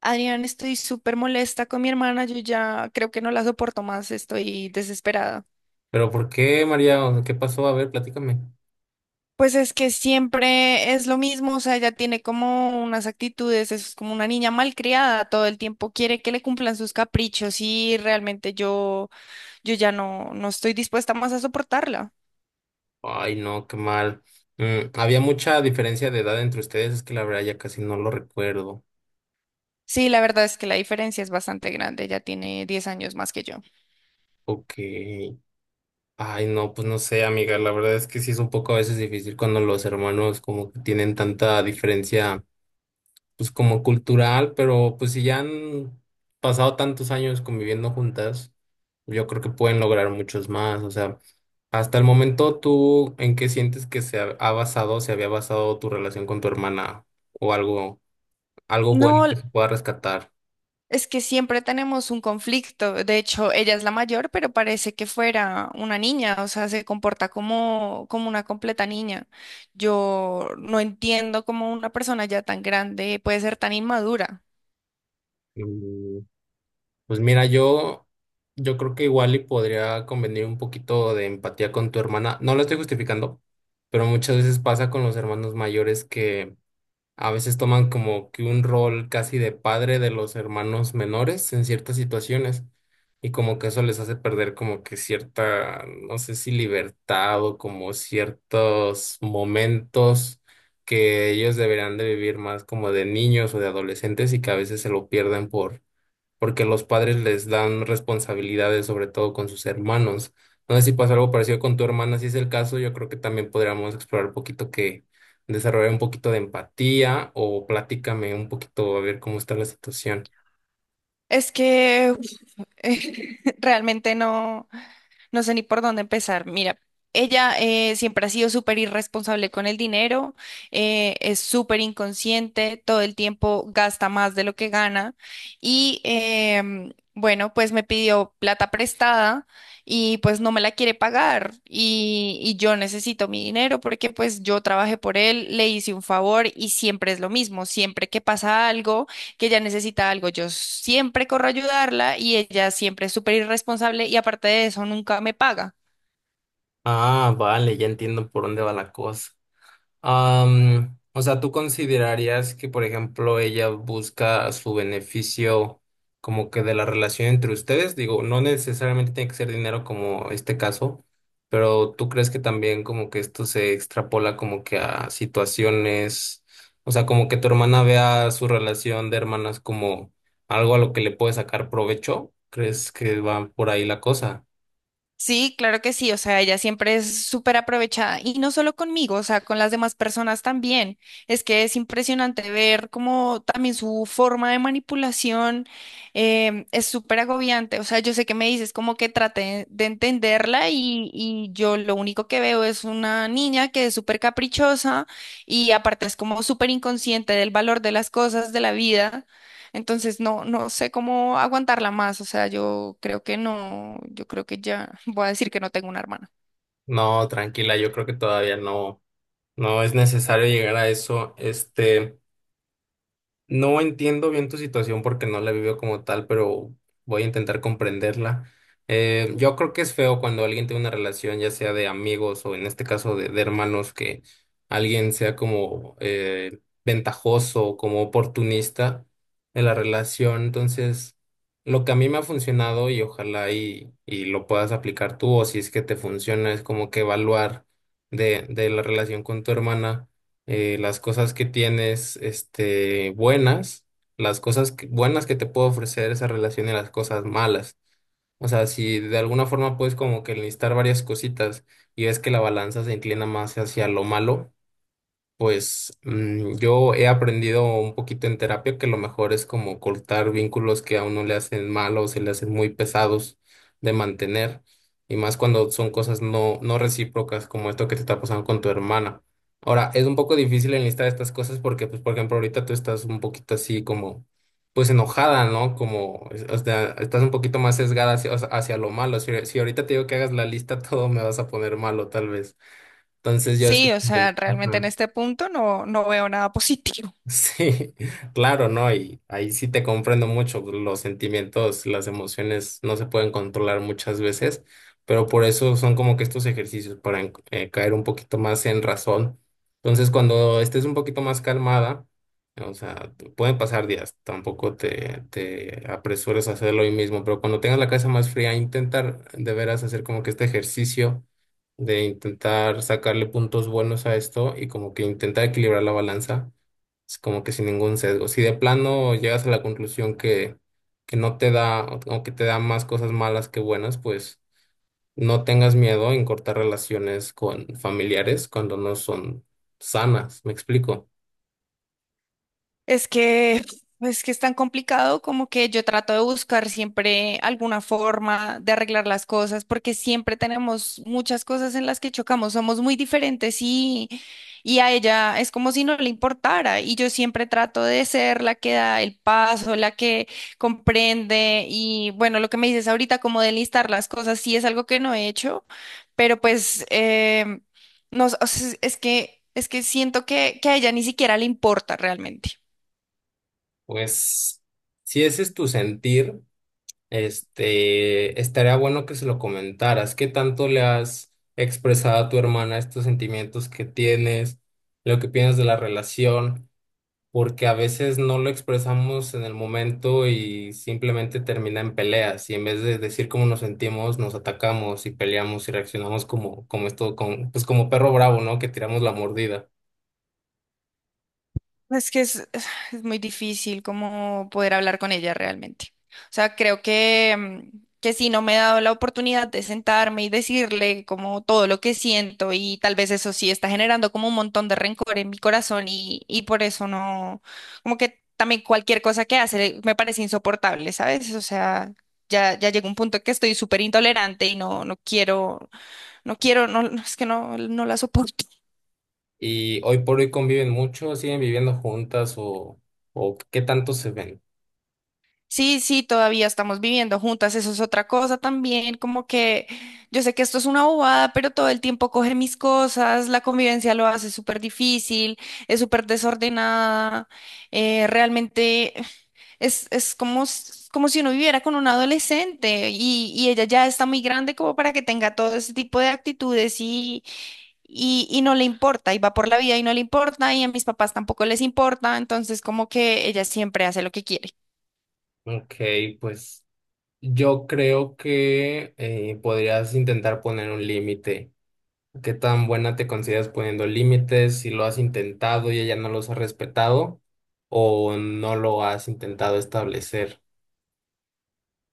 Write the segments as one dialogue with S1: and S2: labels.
S1: Adrián, estoy súper molesta con mi hermana, yo ya creo que no la soporto más, estoy desesperada.
S2: Pero ¿por qué, María? O sea, ¿qué pasó? A ver, platícame.
S1: Pues es que siempre es lo mismo, o sea, ella tiene como unas actitudes, es como una niña malcriada, todo el tiempo quiere que le cumplan sus caprichos y realmente yo ya no estoy dispuesta más a soportarla.
S2: Ay, no, qué mal. Había mucha diferencia de edad entre ustedes, es que la verdad ya casi no lo recuerdo.
S1: Sí, la verdad es que la diferencia es bastante grande, ella tiene 10 años más que yo.
S2: Ok. Ay, no, pues no sé, amiga. La verdad es que sí es un poco a veces difícil cuando los hermanos como que tienen tanta diferencia, pues como cultural, pero pues si ya han pasado tantos años conviviendo juntas, yo creo que pueden lograr muchos más. O sea. Hasta el momento, ¿tú en qué sientes que se ha basado, se había basado tu relación con tu hermana o algo, algo
S1: No,
S2: bueno que se pueda rescatar?
S1: es que siempre tenemos un conflicto. De hecho, ella es la mayor, pero parece que fuera una niña, o sea, se comporta como una completa niña. Yo no entiendo cómo una persona ya tan grande puede ser tan inmadura.
S2: Mm, Pues mira, yo creo que igual y podría convenir un poquito de empatía con tu hermana. No lo estoy justificando, pero muchas veces pasa con los hermanos mayores que a veces toman como que un rol casi de padre de los hermanos menores en ciertas situaciones y como que eso les hace perder como que cierta, no sé si libertad o como ciertos momentos que ellos deberían de vivir más como de niños o de adolescentes y que a veces se lo pierden porque los padres les dan responsabilidades, sobre todo con sus hermanos. No sé si pasa algo parecido con tu hermana, si es el caso, yo creo que también podríamos explorar un poquito que desarrollar un poquito de empatía o platícame un poquito a ver cómo está la situación.
S1: Es que uf, realmente no sé ni por dónde empezar. Mira, ella siempre ha sido súper irresponsable con el dinero, es súper inconsciente, todo el tiempo gasta más de lo que gana y bueno, pues me pidió plata prestada y pues no me la quiere pagar y yo necesito mi dinero porque pues yo trabajé por él, le hice un favor y siempre es lo mismo, siempre que pasa algo que ella necesita algo, yo siempre corro a ayudarla y ella siempre es súper irresponsable y aparte de eso nunca me paga.
S2: Ah, vale, ya entiendo por dónde va la cosa. O sea, ¿tú considerarías que, por ejemplo, ella busca su beneficio como que de la relación entre ustedes? Digo, no necesariamente tiene que ser dinero como este caso, pero ¿tú crees que también como que esto se extrapola como que a situaciones, o sea, como que tu hermana vea su relación de hermanas como algo a lo que le puede sacar provecho? ¿Crees que va por ahí la cosa?
S1: Sí, claro que sí, o sea, ella siempre es súper aprovechada y no solo conmigo, o sea, con las demás personas también. Es que es impresionante ver cómo también su forma de manipulación es súper agobiante, o sea, yo sé que me dices como que trate de entenderla y yo lo único que veo es una niña que es súper caprichosa y aparte es como súper inconsciente del valor de las cosas de la vida. Entonces no sé cómo aguantarla más. O sea, yo creo que no, yo creo que ya voy a decir que no tengo una hermana.
S2: No, tranquila, yo creo que todavía no, no es necesario llegar a eso. Este. No entiendo bien tu situación porque no la he vivido como tal, pero voy a intentar comprenderla. Yo creo que es feo cuando alguien tiene una relación, ya sea de amigos o en este caso de hermanos, que alguien sea como ventajoso, como oportunista en la relación. Entonces, lo que a mí me ha funcionado y ojalá y lo puedas aplicar tú o si es que te funciona, es como que evaluar de la relación con tu hermana las cosas que tienes, este, buenas, buenas que te puede ofrecer esa relación y las cosas malas. O sea, si de alguna forma puedes como que listar varias cositas y ves que la balanza se inclina más hacia lo malo, pues yo he aprendido un poquito en terapia que lo mejor es como cortar vínculos que a uno le hacen mal o se le hacen muy pesados de mantener, y más cuando son cosas no, no recíprocas como esto que te está pasando con tu hermana. Ahora, es un poco difícil enlistar estas cosas porque, pues, por ejemplo, ahorita tú estás un poquito así como, pues, enojada, ¿no? Como, es- o sea, estás un poquito más sesgada hacia, o sea, hacia lo malo. Si, si ahorita te digo que hagas la lista, todo me vas a poner malo, tal vez. Entonces yo así...
S1: Sí, o sea, realmente en
S2: Ajá.
S1: este punto no veo nada positivo.
S2: Sí, claro, ¿no? Y ahí sí te comprendo mucho. Los sentimientos, las emociones no se pueden controlar muchas veces, pero por eso son como que estos ejercicios para caer un poquito más en razón. Entonces, cuando estés un poquito más calmada, o sea, te- pueden pasar días, tampoco te, te apresures a hacerlo hoy mismo, pero cuando tengas la cabeza más fría, intentar de veras hacer como que este ejercicio de intentar sacarle puntos buenos a esto y como que intentar equilibrar la balanza es como que sin ningún sesgo. Si de plano llegas a la conclusión que no te da o que te da más cosas malas que buenas, pues no tengas miedo en cortar relaciones con familiares cuando no son sanas. ¿Me explico?
S1: Es que, es que es tan complicado como que yo trato de buscar siempre alguna forma de arreglar las cosas, porque siempre tenemos muchas cosas en las que chocamos, somos muy diferentes y a ella es como si no le importara. Y yo siempre trato de ser la que da el paso, la que comprende. Y bueno, lo que me dices ahorita, como de listar las cosas, sí es algo que no he hecho, pero pues no, o sea, es que siento que a ella ni siquiera le importa realmente.
S2: Pues si ese es tu sentir, este, estaría bueno que se lo comentaras. ¿Qué tanto le has expresado a tu hermana estos sentimientos que tienes, lo que piensas de la relación? Porque a veces no lo expresamos en el momento y simplemente termina en peleas y en vez de decir cómo nos sentimos, nos atacamos y peleamos y reaccionamos como, como esto, con, pues como perro bravo, ¿no? Que tiramos la mordida.
S1: Es que es, es muy difícil como poder hablar con ella realmente. O sea, creo que, que sí, no me he dado la oportunidad de sentarme y decirle como todo lo que siento y tal vez eso sí está generando como un montón de rencor en mi corazón y por eso no, como que también cualquier cosa que hace me parece insoportable, ¿sabes? O sea, ya llega un punto que estoy súper intolerante y no quiero, no quiero, no, no, es que no la soporto.
S2: Y hoy por hoy conviven mucho, siguen viviendo juntas o qué tanto se ven.
S1: Sí, sí, todavía estamos viviendo juntas, eso es otra cosa también, como que yo sé que esto es una bobada, pero todo el tiempo coge mis cosas, la convivencia lo hace súper difícil, es súper desordenada, realmente es como, como si uno viviera con un adolescente y ella ya está muy grande como para que tenga todo ese tipo de actitudes y no le importa, y va por la vida y no le importa, y a mis papás tampoco les importa, entonces como que ella siempre hace lo que quiere.
S2: Ok, pues yo creo que podrías intentar poner un límite. ¿Qué tan buena te consideras poniendo límites? Si lo has intentado y ella no los ha respetado o no lo has intentado establecer.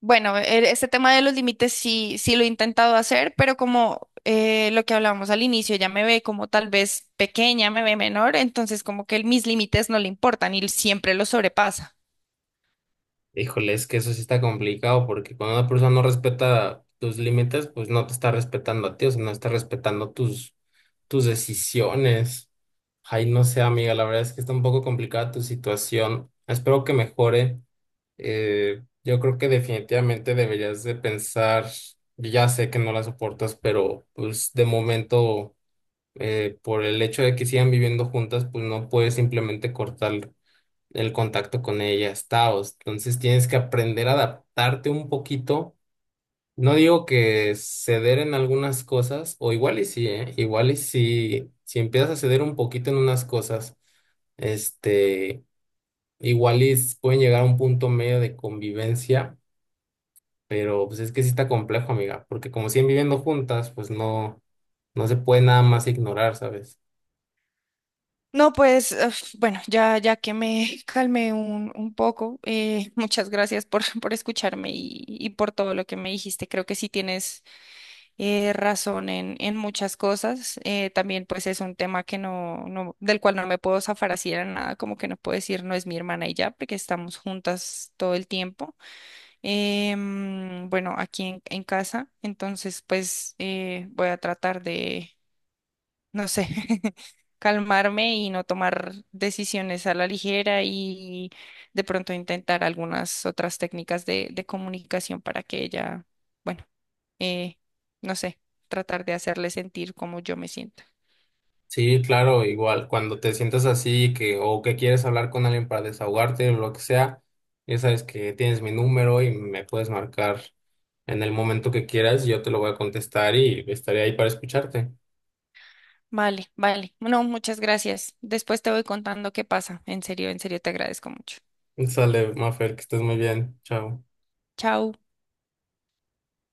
S1: Bueno, este tema de los límites sí lo he intentado hacer, pero como lo que hablábamos al inicio, ya me ve como tal vez pequeña, me ve menor, entonces como que mis límites no le importan y siempre los sobrepasa.
S2: Híjole, es que eso sí está complicado porque cuando una persona no respeta tus límites, pues no te está respetando a ti, o sea, no está respetando tus, tus decisiones. Ay, no sé, amiga, la verdad es que está un poco complicada tu situación. Espero que mejore. Yo creo que definitivamente deberías de pensar, ya sé que no la soportas, pero pues de momento, por el hecho de que sigan viviendo juntas, pues no puedes simplemente cortar el contacto con ellas, taos. Entonces tienes que aprender a adaptarte un poquito. No digo que ceder en algunas cosas, o igual y sí, ¿eh? Igual y sí, si empiezas a ceder un poquito en unas cosas. Este, igual y s- pueden llegar a un punto medio de convivencia pero pues es que sí está complejo, amiga, porque como siguen viviendo juntas, pues no, no se puede nada más ignorar, ¿sabes?
S1: No, pues uf, bueno, ya que me calmé un poco, muchas gracias por, por escucharme y por todo lo que me dijiste. Creo que sí tienes razón en muchas cosas. También pues es un tema que del cual no me puedo zafar así de nada, como que no puedo decir no es mi hermana y ya, porque estamos juntas todo el tiempo. Bueno, aquí en casa, entonces pues voy a tratar de, no sé, calmarme y no tomar decisiones a la ligera y de pronto intentar algunas otras técnicas de comunicación para que ella, bueno, eh, no sé, tratar de hacerle sentir como yo me siento.
S2: Sí, claro, igual, cuando te sientas así que, o que quieres hablar con alguien para desahogarte o lo que sea, ya sabes que tienes mi número y me puedes marcar en el momento que quieras, yo te lo voy a contestar y estaré ahí para escucharte.
S1: Vale, vale. No, muchas gracias. Después te voy contando qué pasa. En serio, te agradezco mucho.
S2: Sale, Mafer, que estés muy bien. Chao.
S1: Chao.